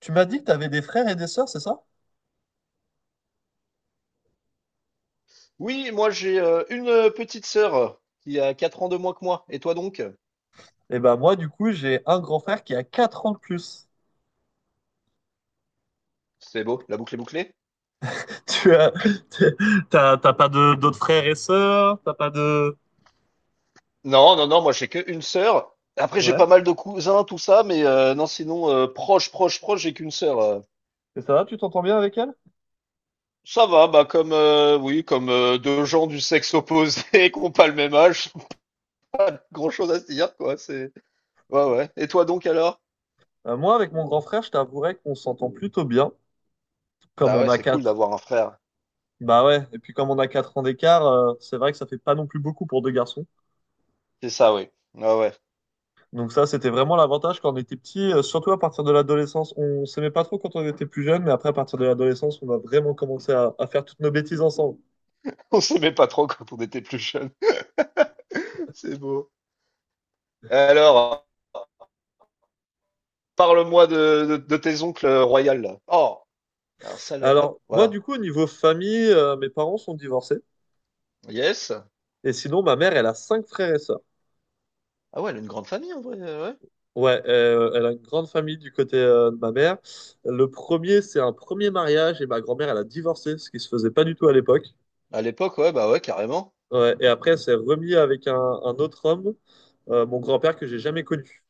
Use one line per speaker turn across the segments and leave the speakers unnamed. Tu m'as dit que tu avais des frères et des sœurs, c'est ça?
Oui, moi j'ai une petite sœur, qui a 4 ans de moins que moi. Et toi donc?
Eh ben moi, du coup, j'ai un grand frère qui a quatre ans de plus.
C'est beau, la boucle est bouclée?
Tu as, t'es- t'as pas de, d'autres frères et sœurs? T'as pas de...
Non, non, non, moi j'ai que une sœur. Après j'ai
Ouais.
pas mal de cousins, tout ça, mais non, sinon proche, proche, proche, j'ai qu'une sœur.
Et ça va, tu t'entends bien avec elle?
Ça va, bah comme oui, comme deux gens du sexe opposé qui ont pas le même âge, pas grand-chose à se dire quoi. C'est ouais, ouais. Et toi donc alors?
Moi, avec mon grand frère, je t'avouerais qu'on s'entend plutôt bien, comme
Bah
on
ouais,
a
c'est cool
4.
d'avoir un frère.
Bah ouais, et puis comme on a 4 ans d'écart, c'est vrai que ça fait pas non plus beaucoup pour deux garçons.
C'est ça, oui. Ouais, ouais.
Donc ça, c'était vraiment l'avantage quand on était petit, surtout à partir de l'adolescence. On s'aimait pas trop quand on était plus jeune, mais après, à partir de l'adolescence, on a vraiment commencé à faire toutes nos bêtises ensemble.
On s'aimait pas trop quand on était plus jeune. C'est beau. Alors. Parle-moi de tes oncles royales, là. Oh, un sale, hop,
Alors, moi,
voilà.
du coup, au niveau famille, mes parents sont divorcés.
Yes.
Et sinon, ma mère, elle a cinq frères et sœurs.
Ah ouais, elle a une grande famille, en vrai, ouais.
Ouais, elle a une grande famille du côté de ma mère. Le premier, c'est un premier mariage et ma grand-mère, elle a divorcé, ce qui se faisait pas du tout à l'époque.
À l'époque, ouais, bah ouais, carrément.
Ouais, et après, elle s'est remise avec un autre homme, mon grand-père que j'ai jamais connu.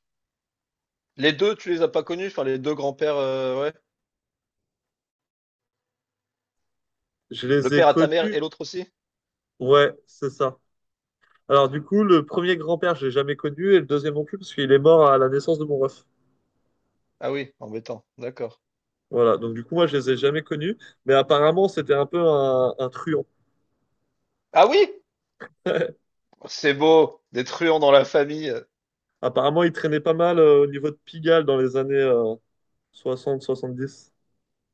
Les deux, tu les as pas connus, enfin, les deux grands-pères, ouais.
Je les
Le
ai
père à ta mère
connus.
et l'autre aussi?
Ouais, c'est ça. Alors, du coup, le premier grand-père, je l'ai jamais connu et le deuxième non plus parce qu'il est mort à la naissance de mon ref.
Ah oui, embêtant, d'accord.
Voilà, donc du coup, moi, je les ai jamais connus, mais apparemment, c'était un peu un truand.
Ah oui! C'est beau, des truands dans la famille.
Apparemment, il traînait pas mal au niveau de Pigalle dans les années 60-70.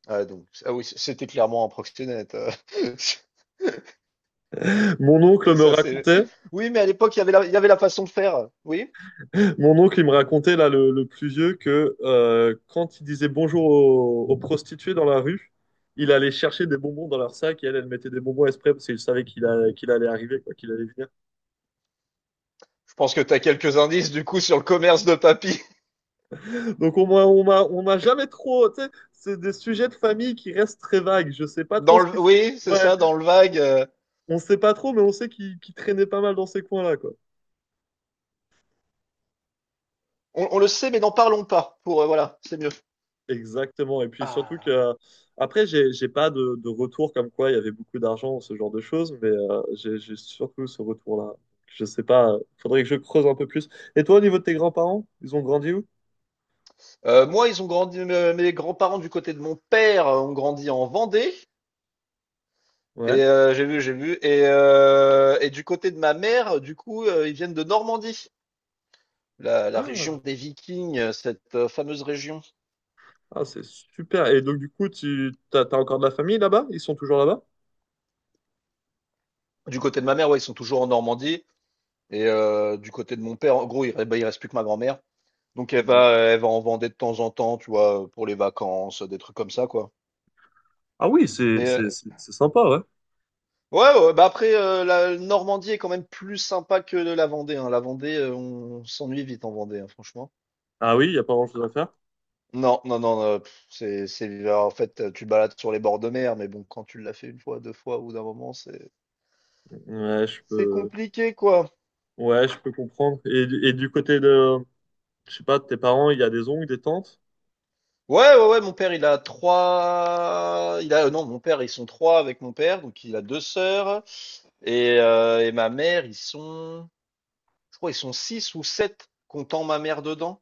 Ah, donc, ah oui, c'était clairement un proxénète.
Mon oncle
Et
me
ça, c'est.
racontait,
Oui, mais à l'époque, il y avait la façon de faire. Oui?
mon oncle, il me racontait, là, le plus vieux, que quand il disait bonjour aux prostituées dans la rue, il allait chercher des bonbons dans leur sac et elle, elle mettait des bonbons exprès parce qu'il savait qu'il allait arriver, quoi, qu'il allait venir.
Je pense que tu as quelques indices, du coup, sur le commerce de papy.
Donc, on m'a jamais trop, tu sais, c'est des sujets de famille qui restent très vagues. Je sais pas trop
Dans
ce qui
le,
se passe.
oui, c'est
Ouais.
ça, dans le vague.
On sait pas trop, mais on sait qu'il traînait pas mal dans ces coins-là, quoi.
On le sait, mais n'en parlons pas. Pour voilà, c'est mieux.
Exactement. Et puis surtout
Ah.
que, après, j'ai pas de, de retour comme quoi il y avait beaucoup d'argent, ou ce genre de choses, mais j'ai surtout ce retour-là. Je sais pas, faudrait que je creuse un peu plus. Et toi, au niveau de tes grands-parents, ils ont grandi où?
Moi, ils ont grandi. Mes grands-parents du côté de mon père ont grandi en Vendée.
Ouais.
Et j'ai vu. Et du côté de ma mère, du coup, ils viennent de Normandie, la région
Ah,
des Vikings, cette fameuse région.
ah, c'est super. Et donc, du coup, tu t'as, t'as encore de la famille là-bas? Ils sont toujours là-bas?
Du côté de ma mère, ouais, ils sont toujours en Normandie. Et du côté de mon père, en gros, bah, il reste plus que ma grand-mère. Donc elle
Non.
va, elle va en Vendée de temps en temps, tu vois, pour les vacances, des trucs comme ça, quoi.
Ah oui,
Mais euh,
c'est sympa, ouais.
Ouais, ouais, bah après, la Normandie est quand même plus sympa que la Vendée, hein. La Vendée, on s'ennuie vite en Vendée, hein, franchement.
Ah oui, il n'y a pas grand-chose à faire.
Non, non, non, pff, bah, en fait, tu te balades sur les bords de mer, mais bon, quand tu l'as fait une fois, deux fois, ou d'un moment, c'est,
Ouais, je
c'est
peux,
compliqué, quoi.
ouais, je peux comprendre. Et du côté de, je sais pas, tes parents, il y a des oncles, des tantes?
Ouais, ouais, ouais, mon père, il a trois, il a, non, mon père, ils sont trois avec mon père, donc il a deux sœurs, et ma mère, ils sont, je crois, ils sont six ou sept, comptant ma mère dedans.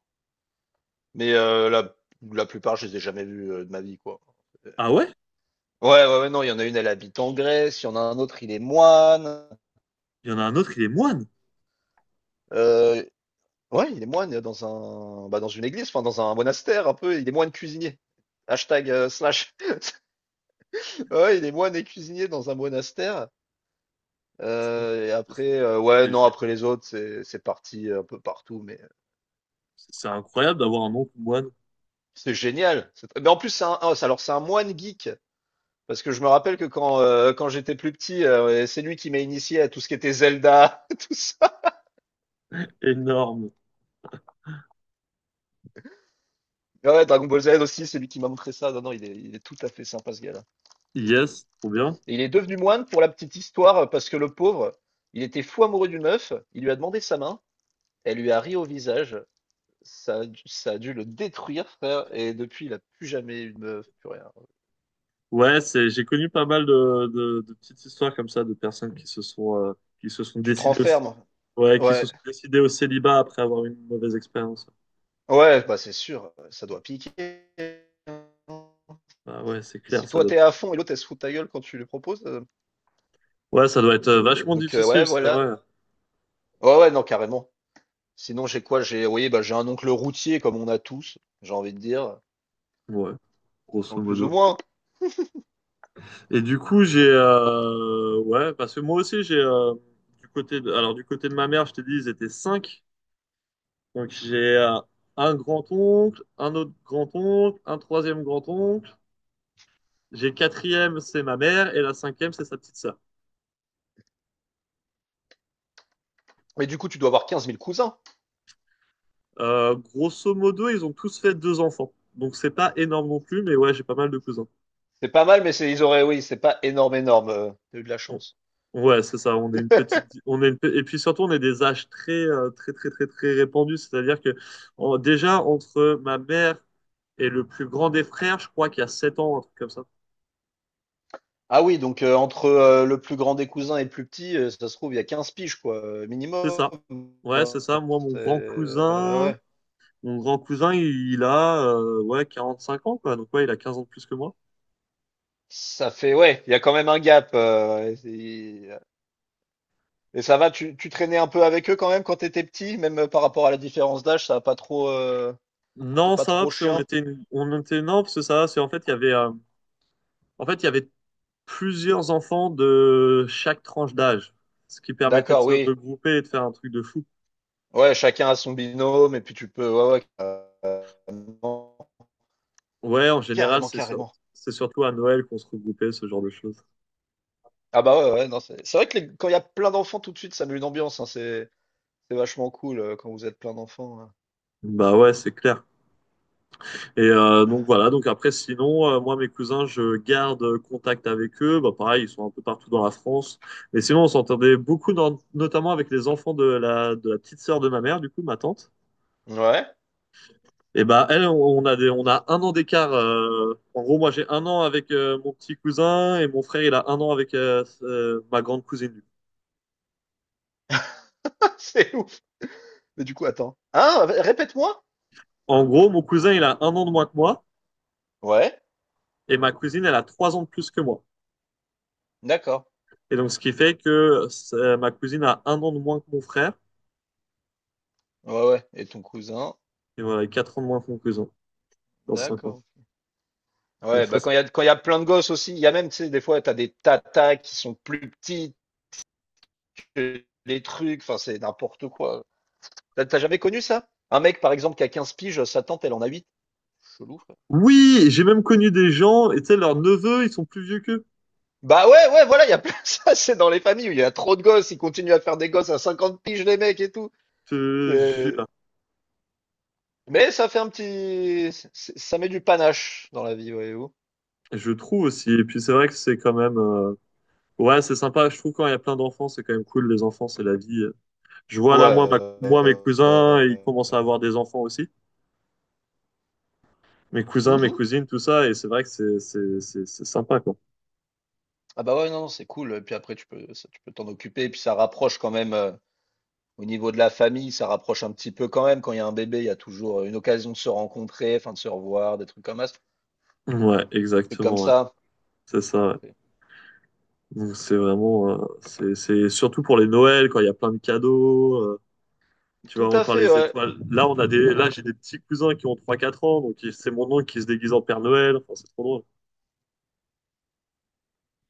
Mais la plupart, je les ai jamais vus de ma vie, quoi.
Ah ouais?
Ouais, ouais, ouais, non, il y en a une, elle habite en Grèce, il y en a un autre, il est moine.
Il y en a un autre, il est moine.
Euh, ouais, il est moine bah, dans une église, enfin dans un monastère un peu, il est moine cuisinier. Hashtag slash. Ouais, il est moine et cuisinier dans un monastère. Et après, ouais,
C'est
non,
c'est-
après les autres, c'est parti un peu partout, mais
c'est incroyable d'avoir un oncle moine
c'est génial. Mais en plus, c'est un, ah, c'est- alors c'est un moine geek. Parce que je me rappelle que quand j'étais plus petit, c'est lui qui m'a initié à tout ce qui était Zelda, tout ça.
énorme.
Mais ouais, Dragon Ball Z aussi, c'est lui qui m'a montré ça. Non, non, il est tout à fait sympa ce gars-là.
Yes, trop bien.
Et il est devenu moine pour la petite histoire, parce que le pauvre, il était fou amoureux d'une meuf, il lui a demandé sa main, elle lui a ri au visage, ça a dû le détruire, frère, et depuis, il a plus jamais eu de meuf, plus rien.
Ouais, c'est, j'ai connu pas mal de petites histoires comme ça, de personnes qui se sont
Tu te
décidées
renfermes.
au, ouais, qui se
Ouais,
sont décidées au célibat après avoir eu une mauvaise expérience.
ouais, bah c'est sûr, ça doit piquer.
Bah ouais, c'est
Et
clair,
si
ça
toi
doit
t'es
piquer.
à fond et l'autre elle se fout de ta gueule quand tu lui proposes,
Ouais, ça doit être vachement
Donc ouais,
difficile, c'est
voilà.
vrai.
Ouais, ouais, non, carrément. Sinon, j'ai quoi? J'ai Oui, bah, j'ai un oncle routier comme on a tous, j'ai envie de dire,
Ouais, grosso
ou plus ou
modo.
moins.
Et du coup, j'ai ouais, parce que moi aussi j'ai du côté de, alors du côté de ma mère, je t'ai dit, ils étaient cinq. Donc j'ai un grand-oncle, un autre grand-oncle, un troisième grand-oncle. J'ai quatrième, c'est ma mère, et la cinquième, c'est sa petite sœur.
Mais du coup, tu dois avoir 15 000 cousins.
Grosso modo, ils ont tous fait deux enfants. Donc c'est pas énorme non plus, mais ouais, j'ai pas mal de cousins.
C'est pas mal, mais c'est ils auraient oui, c'est pas énorme, énorme, tu eu de la
on-
chance.
Ouais, c'est ça. On est une et puis surtout on est des âges très, très répandus. C'est-à-dire que déjà entre ma mère et le plus grand des frères, je crois qu'il y a 7 ans, un truc comme ça.
Ah oui, donc entre, le plus grand des cousins et le plus petit, ça se trouve, il y a 15 piges quoi,
C'est
minimum.
ça. Ouais, c'est
Enfin,
ça. Moi,
c'est ouais, ouais.
mon grand cousin, il a ouais cinq ans quoi. Donc ouais, il a 15 ans de plus que moi.
Ça fait ouais, il y a quand même un gap. Et ça va, tu traînais un peu avec eux quand même quand t'étais petit, même par rapport à la différence d'âge, ça a pas trop, c'est
Non,
pas
ça va
trop
parce
chiant.
on était non parce que ça va. C'est en fait il y avait, en fait il y avait plusieurs enfants de chaque tranche d'âge, ce qui permettait de
D'accord,
se
oui.
regrouper et de faire un truc de fou.
Ouais, chacun a son binôme et puis tu peux, ouais, ouais, carrément,
Ouais, en général,
carrément, carrément.
c'est surtout à Noël qu'on se regroupait, ce genre de choses.
Ah bah ouais, ouais, non, c'est vrai que quand il y a plein d'enfants tout de suite, ça met une ambiance, hein, c'est vachement cool quand vous êtes plein d'enfants, hein.
Bah ouais, c'est clair. Et donc
Ah.
voilà, donc après, sinon, moi, mes cousins, je garde contact avec eux. Bah pareil, ils sont un peu partout dans la France. Mais sinon, on s'entendait beaucoup, notamment avec les enfants de la petite sœur de ma mère, du coup, ma tante.
Ouais,
Et bah elle, on a un an d'écart. En gros, moi j'ai un an avec mon petit cousin et mon frère il a un an avec ma grande cousine.
c'est ouf. Mais du coup, attends. Hein, répète-moi.
En gros, mon cousin il a un an de moins que moi
Ouais,
et ma cousine elle a trois ans de plus que moi.
d'accord.
Et donc ce qui fait que ma cousine a un an de moins que mon frère
Ouais, ouais. Et ton cousin,
et voilà, quatre ans de moins que mon cousin dans cinq ans.
d'accord.
Donc
Ouais,
ça,
bah quand
c'est-
il y a, quand il y a plein de gosses aussi, il y a même, tu sais, des fois, t'as des tatas qui sont plus petites que les trucs, enfin, c'est n'importe quoi. T'as jamais connu ça? Un mec, par exemple, qui a 15 piges, sa tante, elle en a 8. Chelou, frère.
oui, j'ai même connu des gens et tu sais leurs neveux ils sont plus vieux qu'eux.
Bah ouais, ouais, voilà, il y a plein ça, c'est dans les familles où il y a trop de gosses, ils continuent à faire des gosses à 50 piges, les mecs et tout.
Je, je,
C'est- Mais ça fait Ça met du panache dans la vie, voyez-vous.
je trouve aussi. Et puis c'est vrai que c'est quand même. Euh, ouais, c'est sympa. Je trouve quand il y a plein d'enfants, c'est quand même cool. Les enfants, c'est la vie. Je vois
Ouais.
là, moi, moi, mes cousins, ils commencent à avoir des enfants aussi. Mes cousins, mes
Mhm.
cousines, tout ça. Et c'est vrai que c'est sympa, quoi.
Ah bah ouais, non, c'est cool. Et puis après, ça, tu peux t'en occuper, et puis ça rapproche quand même. Au niveau de la famille, ça rapproche un petit peu quand même. Quand il y a un bébé, il y a toujours une occasion de se rencontrer, enfin de se revoir, des trucs comme ça,
Ouais,
des trucs comme
exactement, ouais.
ça.
C'est ça, ouais. Donc, c'est vraiment, c'est surtout pour les Noëls, quand il y a plein de cadeaux. Euh, tu
Tout
vois,
à
encore
fait,
les
ouais.
étoiles. Là, j'ai des petits cousins qui ont trois quatre ans. Donc, c'est mon oncle qui se déguise en Père Noël. Enfin, c'est trop drôle.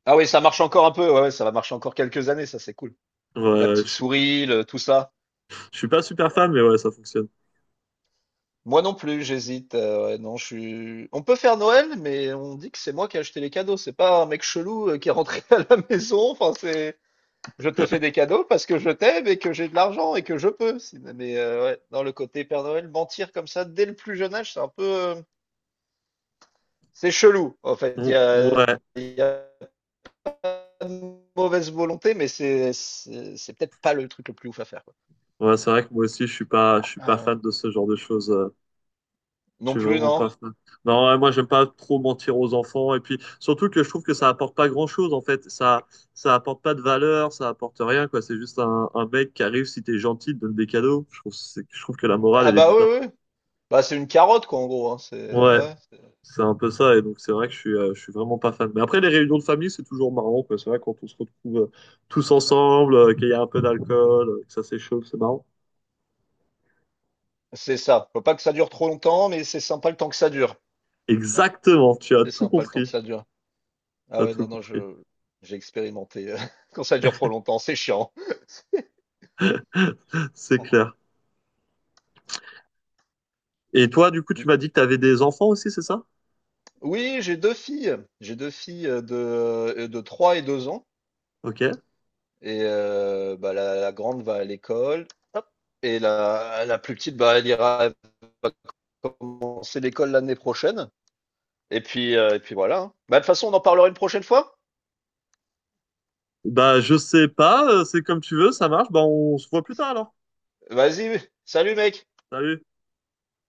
Ah oui, ça marche encore un peu. Ouais, ouais, ça va marcher encore quelques années, ça c'est cool.
Ouais,
La
ouais,
petite souris, tout ça.
je suis pas super fan, mais ouais, ça fonctionne.
Moi non plus, j'hésite. Ouais, non, je suis. On peut faire Noël, mais on dit que c'est moi qui ai acheté les cadeaux. C'est pas un mec chelou qui est rentré à la maison. Enfin, c'est. Je te fais des cadeaux parce que je t'aime et que j'ai de l'argent et que je peux. Mais ouais, dans le côté Père Noël, mentir comme ça dès le plus jeune âge, c'est un peu. C'est chelou, en fait. Il y a,
Ouais,
il y a pas de mauvaise volonté, mais c'est peut-être pas le truc le plus ouf à faire, quoi.
ouais, c'est vrai que moi aussi, je suis pas
Ah, ouais.
fan de ce genre de choses. Euh, je
Non
suis
plus,
vraiment pas
non?
fan. Non, ouais, moi, j'aime pas trop mentir aux enfants. Et puis, surtout que je trouve que ça apporte pas grand-chose, en fait. Ça apporte pas de valeur, ça apporte rien, quoi. C'est juste un mec qui arrive, si t'es gentil, te donne des cadeaux. Je trouve que la morale,
Ah
elle est
bah oui,
bizarre.
oui. Bah c'est une carotte, quoi, en gros, hein. C'est,
Ouais,
ouais, c'est
c'est un peu ça. Et donc, c'est vrai que je suis vraiment pas fan. Mais après, les réunions de famille, c'est toujours marrant, quoi. C'est vrai, quand on se retrouve tous ensemble, qu'il y a un peu d'alcool, que ça s'échauffe, c'est marrant.
c'est ça. Faut pas que ça dure trop longtemps, mais c'est sympa le temps que ça dure.
Exactement, tu as
C'est
tout
sympa le temps que
compris.
ça dure. Ah
T'as
ouais,
tout
non, non,
compris.
j'ai expérimenté. Quand ça dure trop longtemps, c'est chiant.
C'est clair.
Ah.
Et toi, du coup, tu
Dis-
m'as dit que tu avais des enfants aussi, c'est ça?
Oui, j'ai deux filles. J'ai deux filles de 3 et 2 ans.
Ok.
Et bah, la grande va à l'école, hop et la plus petite, bah, elle va commencer l'école l'année prochaine et puis voilà, hein. Bah, de toute façon, on en parlera une prochaine fois.
Bah, je sais pas, c'est comme tu veux, ça marche. Bah, on se voit plus tard alors.
Vas-y, salut mec!
Salut.